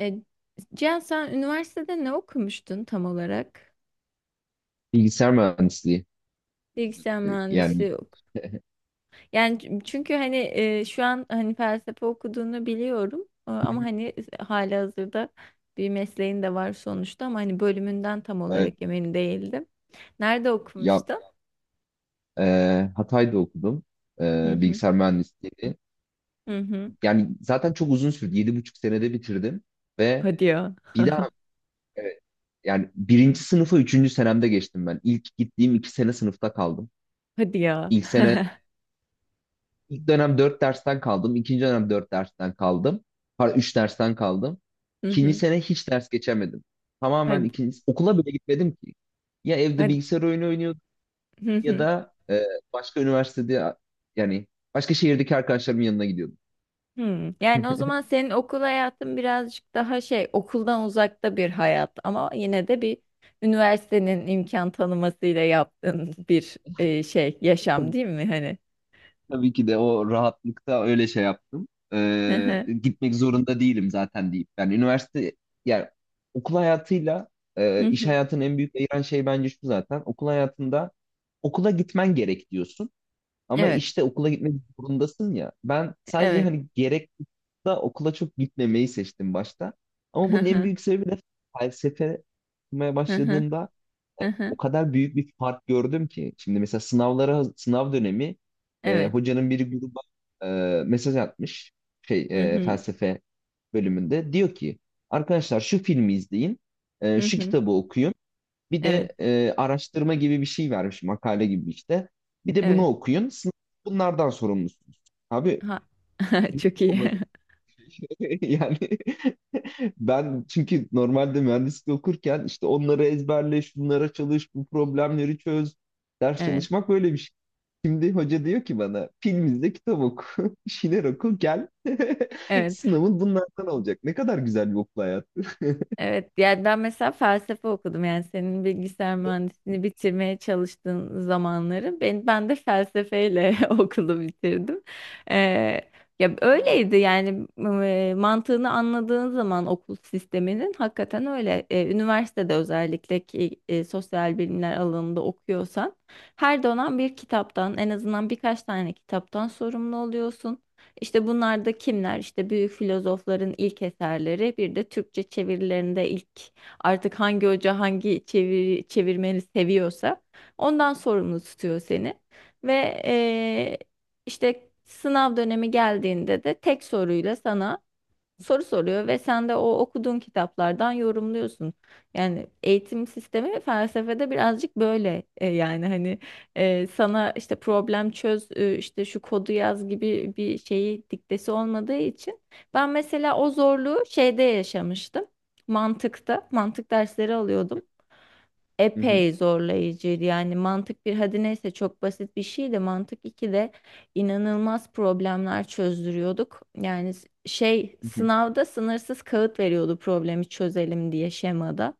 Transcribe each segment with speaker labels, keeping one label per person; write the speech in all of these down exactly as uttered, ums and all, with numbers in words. Speaker 1: E, Cihan sen üniversitede ne okumuştun tam olarak?
Speaker 2: Bilgisayar mühendisliği.
Speaker 1: Bilgisayar
Speaker 2: E,
Speaker 1: mühendisi
Speaker 2: Yani.
Speaker 1: yok. Yani ç- çünkü hani e, şu an hani felsefe okuduğunu biliyorum, E,
Speaker 2: Hı
Speaker 1: ama
Speaker 2: hı.
Speaker 1: hani halihazırda bir mesleğin de var sonuçta ama hani bölümünden tam
Speaker 2: Evet.
Speaker 1: olarak emin değildim. Nerede
Speaker 2: Ya,
Speaker 1: okumuştun?
Speaker 2: e, Hatay'da okudum,
Speaker 1: Hı
Speaker 2: e,
Speaker 1: hı.
Speaker 2: bilgisayar mühendisliğini.
Speaker 1: Hı hı.
Speaker 2: Yani zaten çok uzun sürdü. Yedi buçuk senede bitirdim ve
Speaker 1: Hadi ya.
Speaker 2: bir daha, evet, yani birinci sınıfa üçüncü senemde geçtim ben. İlk gittiğim iki sene sınıfta kaldım.
Speaker 1: Hadi ya.
Speaker 2: İlk sene ilk dönem dört dersten kaldım. İkinci dönem dört dersten kaldım. Pardon, üç dersten kaldım.
Speaker 1: Hı
Speaker 2: İkinci
Speaker 1: hı.
Speaker 2: sene hiç ders geçemedim. Tamamen
Speaker 1: Hadi.
Speaker 2: ikinci okula bile gitmedim ki. Ya evde
Speaker 1: Hadi.
Speaker 2: bilgisayar oyunu
Speaker 1: Hı
Speaker 2: ya
Speaker 1: hı.
Speaker 2: da e, başka üniversitede, yani başka şehirdeki arkadaşlarımın yanına gidiyordum.
Speaker 1: Hmm. Yani o zaman senin okul hayatın birazcık daha şey, okuldan uzakta bir hayat ama yine de bir üniversitenin imkan tanımasıyla yaptığın bir e, şey yaşam,
Speaker 2: Tabii,
Speaker 1: değil mi hani?
Speaker 2: tabii ki de o rahatlıkta öyle şey yaptım.
Speaker 1: Hı
Speaker 2: E,
Speaker 1: hı.
Speaker 2: gitmek zorunda değilim zaten deyip. Yani üniversite yani okul hayatıyla
Speaker 1: Hı
Speaker 2: e, iş
Speaker 1: hı.
Speaker 2: hayatının en büyük ayıran şey bence şu zaten. Okul hayatında okula gitmen gerek diyorsun. Ama
Speaker 1: Evet,
Speaker 2: işte okula gitmek zorundasın ya. Ben sadece
Speaker 1: evet.
Speaker 2: hani gerek da okula çok gitmemeyi seçtim başta. Ama
Speaker 1: Hı
Speaker 2: bunun en
Speaker 1: hı.
Speaker 2: büyük sebebi de felsefe okumaya
Speaker 1: Hı hı.
Speaker 2: başladığımda
Speaker 1: Hı
Speaker 2: o
Speaker 1: hı.
Speaker 2: kadar büyük bir fark gördüm ki. Şimdi mesela sınavlara sınav dönemi, e,
Speaker 1: Evet.
Speaker 2: hocanın biri gruba e, mesaj atmış, şey,
Speaker 1: Hı
Speaker 2: e,
Speaker 1: hı.
Speaker 2: felsefe bölümünde. Diyor ki arkadaşlar, şu filmi izleyin, e,
Speaker 1: Hı
Speaker 2: şu
Speaker 1: hı.
Speaker 2: kitabı okuyun. Bir
Speaker 1: Evet,
Speaker 2: de e, araştırma gibi bir şey vermiş, makale gibi işte. Bir de bunu
Speaker 1: evet.
Speaker 2: okuyun. Sınav bunlardan sorumlusunuz. Abi
Speaker 1: Ha.
Speaker 2: ne
Speaker 1: Çok iyi.
Speaker 2: olabilir? Yani ben çünkü normalde mühendislik okurken işte onları ezberle, şunlara çalış, bu problemleri çöz. Ders
Speaker 1: Evet.
Speaker 2: çalışmak böyle bir şey. Şimdi hoca diyor ki bana, film izle, kitap oku, bir şeyler oku, gel.
Speaker 1: Evet.
Speaker 2: Sınavın bunlardan olacak. Ne kadar güzel bir okul hayatı.
Speaker 1: Evet, yani ben mesela felsefe okudum. Yani senin bilgisayar mühendisliğini bitirmeye çalıştığın zamanları ben ben de felsefeyle okulu bitirdim. Ee, Ya öyleydi yani, e, mantığını anladığın zaman okul sisteminin hakikaten öyle. Ee, üniversitede özellikle ki e, sosyal bilimler alanında okuyorsan her dönem bir kitaptan, en azından birkaç tane kitaptan sorumlu oluyorsun. İşte bunlar da kimler? İşte büyük filozofların ilk eserleri, bir de Türkçe çevirilerinde ilk, artık hangi hoca hangi çeviri, çevirmeni seviyorsa ondan sorumlu tutuyor seni. Ve eee, işte sınav dönemi geldiğinde de tek soruyla sana soru soruyor ve sen de o okuduğun kitaplardan yorumluyorsun. Yani eğitim sistemi felsefede birazcık böyle e, yani hani e, sana işte problem çöz, e, işte şu kodu yaz gibi bir şeyi diktesi olmadığı için ben mesela o zorluğu şeyde yaşamıştım. Mantıkta, mantık dersleri alıyordum,
Speaker 2: Hı hı,
Speaker 1: epey zorlayıcıydı. Yani mantık bir, hadi neyse, çok basit bir şeydi. Mantık ikide inanılmaz problemler çözdürüyorduk. Yani s- şey,
Speaker 2: hı hı.
Speaker 1: sınavda sınırsız kağıt veriyordu problemi çözelim diye şemada.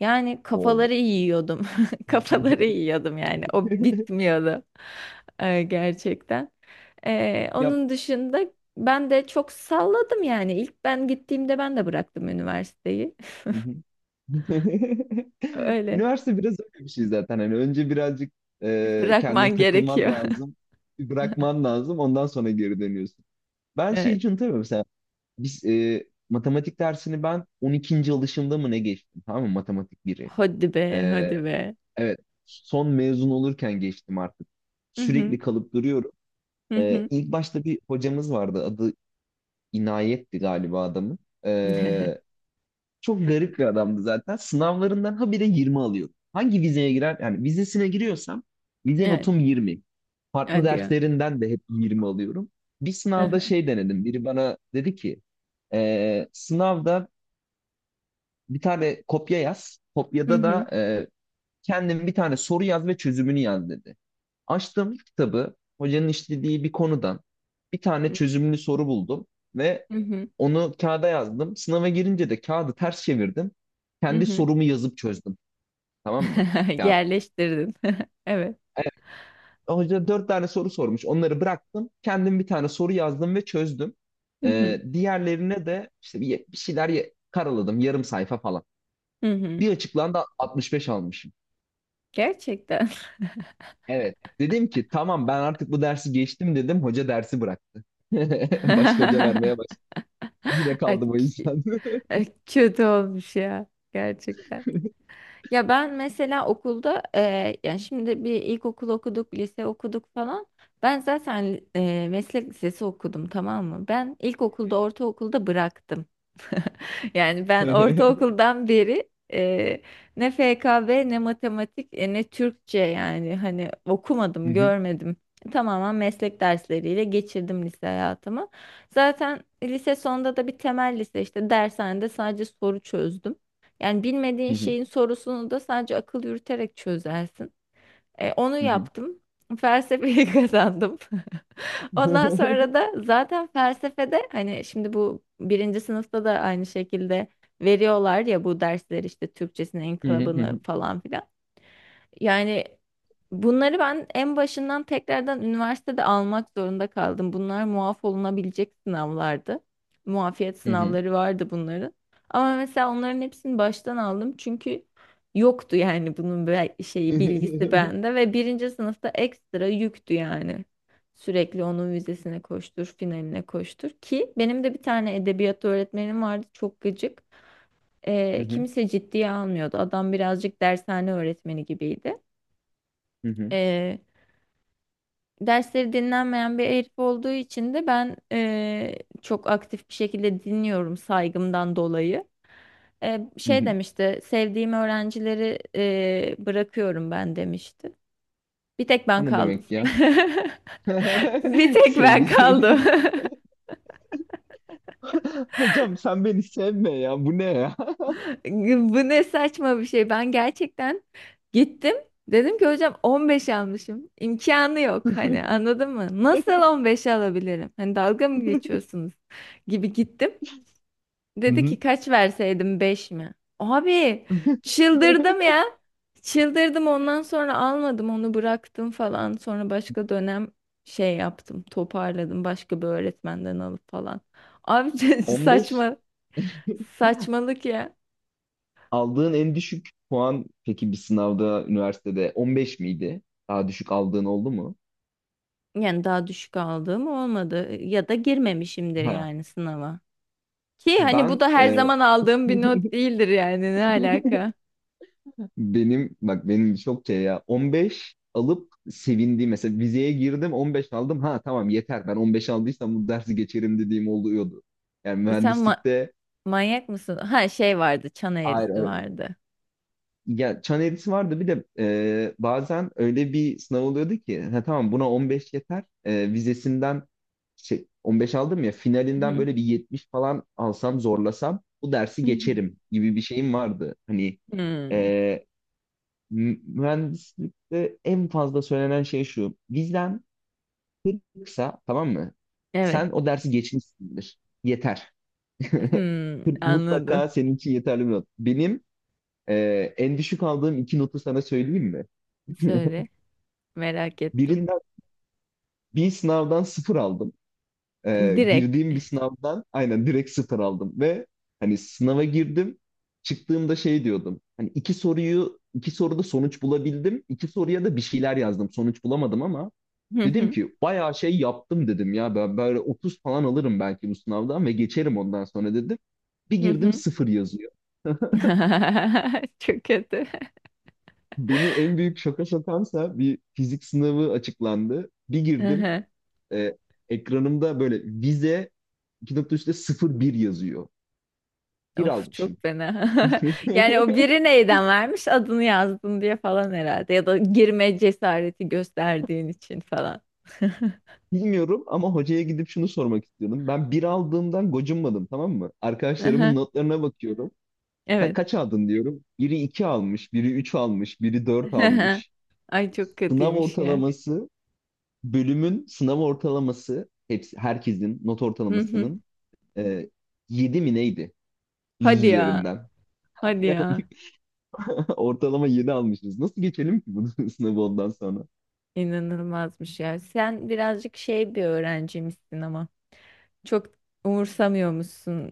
Speaker 1: Yani
Speaker 2: Oo.
Speaker 1: kafaları yiyordum. Kafaları yiyordum yani. O bitmiyordu. Ee, gerçekten. Ee,
Speaker 2: Yap.
Speaker 1: onun dışında ben de çok salladım yani. İlk ben gittiğimde ben de bıraktım üniversiteyi.
Speaker 2: Hı hı.
Speaker 1: Öyle.
Speaker 2: Üniversite biraz öyle bir şey zaten. Hani önce birazcık e, kendini
Speaker 1: Bırakman
Speaker 2: takılman
Speaker 1: gerekiyor.
Speaker 2: lazım, bir bırakman lazım. Ondan sonra geri dönüyorsun. Ben şeyi
Speaker 1: Evet.
Speaker 2: için. Biz e, matematik dersini ben on ikinci alışımda mı ne geçtim, tamam mı, matematik biri.
Speaker 1: Hadi be,
Speaker 2: E,
Speaker 1: hadi be.
Speaker 2: evet, son mezun olurken geçtim artık.
Speaker 1: Hı hı,
Speaker 2: Sürekli kalıp duruyorum.
Speaker 1: hı
Speaker 2: E,
Speaker 1: hı.
Speaker 2: ilk başta bir hocamız vardı, adı İnayet'ti galiba adamın. E, Çok garip bir adamdı zaten. Sınavlarından habire yirmi alıyordu. Hangi vizeye girer, yani vizesine giriyorsam vize
Speaker 1: Evet,
Speaker 2: notum yirmi. Farklı
Speaker 1: hadi ya.
Speaker 2: derslerinden de hep yirmi alıyorum. Bir
Speaker 1: Hı
Speaker 2: sınavda
Speaker 1: hı,
Speaker 2: şey denedim. Biri bana dedi ki e, sınavda bir tane kopya yaz.
Speaker 1: hı
Speaker 2: Kopyada
Speaker 1: hı,
Speaker 2: da e, kendin bir tane soru yaz ve çözümünü yaz dedi. Açtım kitabı. Hocanın işlediği bir konudan bir tane çözümlü soru buldum ve
Speaker 1: hı hı,
Speaker 2: onu kağıda yazdım. Sınava girince de kağıdı ters çevirdim.
Speaker 1: hı
Speaker 2: Kendi
Speaker 1: hı.
Speaker 2: sorumu yazıp çözdüm. Tamam mı? Kağıt.
Speaker 1: Yerleştirdin. Evet.
Speaker 2: Evet, hoca dört tane soru sormuş. Onları bıraktım. Kendim bir tane soru yazdım ve çözdüm.
Speaker 1: Hı hı,
Speaker 2: E, diğerlerine de işte bir, bir şeyler ye- karaladım. Yarım sayfa falan.
Speaker 1: hı hı.
Speaker 2: Bir açıklandı, altmış beş almış.
Speaker 1: Gerçekten.
Speaker 2: Evet. Dedim ki tamam ben artık bu dersi geçtim dedim. Hoca dersi bıraktı. Başka hoca vermeye başladı. Yine
Speaker 1: Ay,
Speaker 2: kaldım o
Speaker 1: k-
Speaker 2: yüzden.
Speaker 1: Ay, kötü olmuş ya. Gerçekten. Ya ben mesela okulda e, yani şimdi bir ilkokul okuduk, lise okuduk falan. Ben zaten e, meslek lisesi okudum, tamam mı? Ben ilkokulda, ortaokulda bıraktım. Yani
Speaker 2: Hı
Speaker 1: ben ortaokuldan beri e, ne F K B, ne matematik, e, ne Türkçe yani hani okumadım,
Speaker 2: hı,
Speaker 1: görmedim. Tamamen meslek dersleriyle geçirdim lise hayatımı. Zaten lise sonunda da bir temel lise, işte dershanede sadece soru çözdüm. Yani bilmediğin
Speaker 2: hı hı,
Speaker 1: şeyin sorusunu da sadece akıl yürüterek çözersin. E, onu
Speaker 2: hı hı.
Speaker 1: yaptım. Felsefeyi kazandım. Ondan sonra da zaten felsefede hani, şimdi bu birinci sınıfta da aynı şekilde veriyorlar ya bu dersler, işte Türkçesinin
Speaker 2: Hı hı, hı
Speaker 1: inkılabını
Speaker 2: hı,
Speaker 1: falan filan. Yani bunları ben en başından tekrardan üniversitede almak zorunda kaldım. Bunlar muaf olunabilecek sınavlardı. Muafiyet
Speaker 2: hı hı.
Speaker 1: sınavları vardı bunların. Ama mesela onların hepsini baştan aldım çünkü yoktu yani bunun be- şeyi, bilgisi bende ve birinci sınıfta ekstra yüktü yani. Sürekli onun vizesine koştur, finaline koştur. Ki benim de bir tane edebiyat öğretmenim vardı, çok gıcık.
Speaker 2: Hı
Speaker 1: Ee,
Speaker 2: hı,
Speaker 1: kimse ciddiye almıyordu. Adam birazcık dershane öğretmeni gibiydi.
Speaker 2: hı hı,
Speaker 1: Ee, Dersleri dinlenmeyen bir herif olduğu için de ben ee, çok aktif bir şekilde dinliyorum saygımdan dolayı. Ee,
Speaker 2: hı
Speaker 1: şey
Speaker 2: hı.
Speaker 1: demişti, sevdiğim öğrencileri ee, bırakıyorum ben demişti. Bir tek ben
Speaker 2: O ne
Speaker 1: kaldım.
Speaker 2: demek ya?
Speaker 1: Bir tek ben
Speaker 2: Sevdiğim.
Speaker 1: kaldım.
Speaker 2: Hocam, sen beni sevme ya. Bu ne ya?
Speaker 1: Bu ne saçma bir şey. Ben gerçekten gittim. Dedim ki hocam, on beş almışım. İmkanı yok, hani anladın mı? Nasıl on beş alabilirim? Hani dalga mı geçiyorsunuz gibi gittim.
Speaker 2: Hı
Speaker 1: Dedi
Speaker 2: hı.
Speaker 1: ki kaç verseydim, beş mi? Abi çıldırdım ya. Çıldırdım, ondan sonra almadım onu, bıraktım falan. Sonra başka dönem şey yaptım, toparladım başka bir öğretmenden alıp falan. Abi
Speaker 2: on beş
Speaker 1: saçma, saçmalık ya.
Speaker 2: aldığın en düşük puan, peki, bir sınavda üniversitede on beş miydi? Daha düşük aldığın oldu mu?
Speaker 1: Yani daha düşük aldığım olmadı ya da girmemişimdir
Speaker 2: Ha,
Speaker 1: yani sınava. Ki hani bu
Speaker 2: ben
Speaker 1: da her
Speaker 2: e,
Speaker 1: zaman aldığım bir not değildir yani, ne alaka?
Speaker 2: benim, bak benim çok şey ya, on beş alıp sevindiğim, mesela vizeye girdim on beş aldım, ha tamam yeter, ben on beş aldıysam bu dersi geçerim dediğim oluyordu. Yani
Speaker 1: E sen ma-
Speaker 2: mühendislikte,
Speaker 1: Manyak mısın? Ha şey vardı, çan
Speaker 2: hayır,
Speaker 1: eğrisi
Speaker 2: hayır.
Speaker 1: vardı.
Speaker 2: Ya çan eğrisi vardı, bir de e, bazen öyle bir sınav oluyordu ki, ha tamam buna on beş yeter, E, vizesinden şey on beş aldım ya,
Speaker 1: Hı
Speaker 2: finalinden
Speaker 1: hı.
Speaker 2: böyle bir yetmiş falan alsam zorlasam bu dersi
Speaker 1: Hı.
Speaker 2: geçerim gibi bir şeyim vardı. Hani,
Speaker 1: Hmm,
Speaker 2: e, M- mühendislikte en fazla söylenen şey şu. Bizden kısa, tamam mı?
Speaker 1: evet.
Speaker 2: Sen o dersi geçmişsindir. Yeter.
Speaker 1: Hmm,
Speaker 2: Kırk
Speaker 1: anladım.
Speaker 2: mutlaka senin için yeterli bir not. Benim e, en düşük aldığım iki notu sana söyleyeyim mi?
Speaker 1: Söyle, merak ettim.
Speaker 2: Birinden, bir sınavdan sıfır aldım. Ee,
Speaker 1: Direkt.
Speaker 2: girdiğim bir sınavdan aynen direkt sıfır aldım ve hani sınava girdim. Çıktığımda şey diyordum. Hani iki soruyu iki soruda sonuç bulabildim. İki soruya da bir şeyler yazdım. Sonuç bulamadım ama
Speaker 1: Hı
Speaker 2: dedim
Speaker 1: hı,
Speaker 2: ki bayağı şey yaptım dedim ya, ben böyle otuz falan alırım belki bu sınavdan ve geçerim ondan sonra dedim. Bir
Speaker 1: hı
Speaker 2: girdim,
Speaker 1: hı.
Speaker 2: sıfır yazıyor.
Speaker 1: Çok kötü.
Speaker 2: Beni en büyük şoka sokansa bir fizik sınavı açıklandı. Bir girdim, e, ekranımda böyle vize iki nokta üçte sıfır bir yazıyor. Bir
Speaker 1: Of,
Speaker 2: almışım.
Speaker 1: çok fena. Yani o biri neyden vermiş, adını yazdın diye falan herhalde, ya da girme cesareti gösterdiğin için falan.
Speaker 2: Bilmiyorum ama hocaya gidip şunu sormak istiyordum. Ben bir aldığımdan gocunmadım, tamam mı?
Speaker 1: Aha,
Speaker 2: Arkadaşlarımın notlarına bakıyorum. Ka-
Speaker 1: evet.
Speaker 2: kaç aldın diyorum. Biri iki almış, biri üç almış, biri dört almış.
Speaker 1: Ay, çok
Speaker 2: Sınav
Speaker 1: kötüymüş ya.
Speaker 2: ortalaması, bölümün sınav ortalaması, hepsi, herkesin not
Speaker 1: Hı hı.
Speaker 2: ortalamasının e, yedi mi neydi? yüz
Speaker 1: Hadi ya.
Speaker 2: üzerinden.
Speaker 1: Hadi ya.
Speaker 2: Ortalama yedi almışız. Nasıl geçelim ki bunu? Sınavı ondan sonra?
Speaker 1: İnanılmazmış ya. Sen birazcık şey bir öğrencimsin ama çok umursamıyormuşsun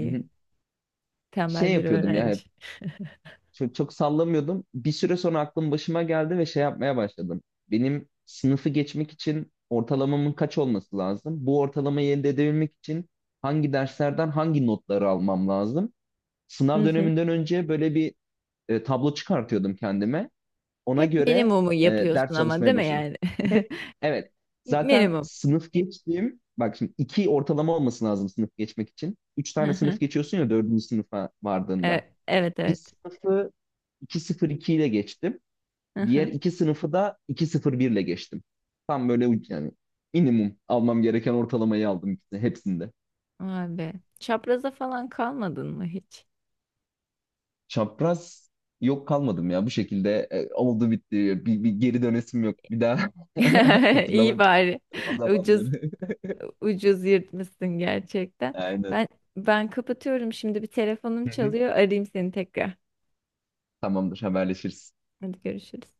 Speaker 2: Hı hı. Şey
Speaker 1: Tembel bir
Speaker 2: yapıyordum ya
Speaker 1: öğrenci.
Speaker 2: hep. Çok, çok sallamıyordum. Bir süre sonra aklım başıma geldi ve şey yapmaya başladım. Benim sınıfı geçmek için ortalamamın kaç olması lazım? Bu ortalamayı elde edebilmek için hangi derslerden hangi notları almam lazım?
Speaker 1: Hı
Speaker 2: Sınav
Speaker 1: hı.
Speaker 2: döneminden önce böyle bir e, tablo çıkartıyordum kendime. Ona
Speaker 1: Hep
Speaker 2: göre
Speaker 1: minimumu
Speaker 2: e, ders
Speaker 1: yapıyorsun ama,
Speaker 2: çalışmaya
Speaker 1: değil mi
Speaker 2: başladım.
Speaker 1: yani?
Speaker 2: Hep evet. Zaten
Speaker 1: Minimum.
Speaker 2: sınıf geçtiğim, bak şimdi iki ortalama olması lazım sınıf geçmek için. Üç tane sınıf geçiyorsun ya dördüncü sınıfa vardığında.
Speaker 1: E, evet,
Speaker 2: Bir
Speaker 1: evet.
Speaker 2: sınıfı iki nokta sıfır iki ile geçtim.
Speaker 1: Hı
Speaker 2: Diğer
Speaker 1: hı.
Speaker 2: iki sınıfı da iki virgül sıfır bir ile geçtim. Tam böyle uc- yani minimum almam gereken ortalamayı aldım ikisini- hepsinde.
Speaker 1: Vay be. Çapraza falan kalmadın mı hiç?
Speaker 2: Çapraz yok, kalmadım ya bu şekilde, e, oldu bitti, bir, bir geri dönesim yok bir daha hatırlamak
Speaker 1: İyi bari.
Speaker 2: istedim o
Speaker 1: Ucuz,
Speaker 2: zamanları.
Speaker 1: ucuz yırtmışsın gerçekten.
Speaker 2: Aynen.
Speaker 1: Ben ben kapatıyorum şimdi, bir telefonum
Speaker 2: Hı hı.
Speaker 1: çalıyor. Arayayım seni tekrar.
Speaker 2: Tamamdır, haberleşiriz.
Speaker 1: Hadi görüşürüz.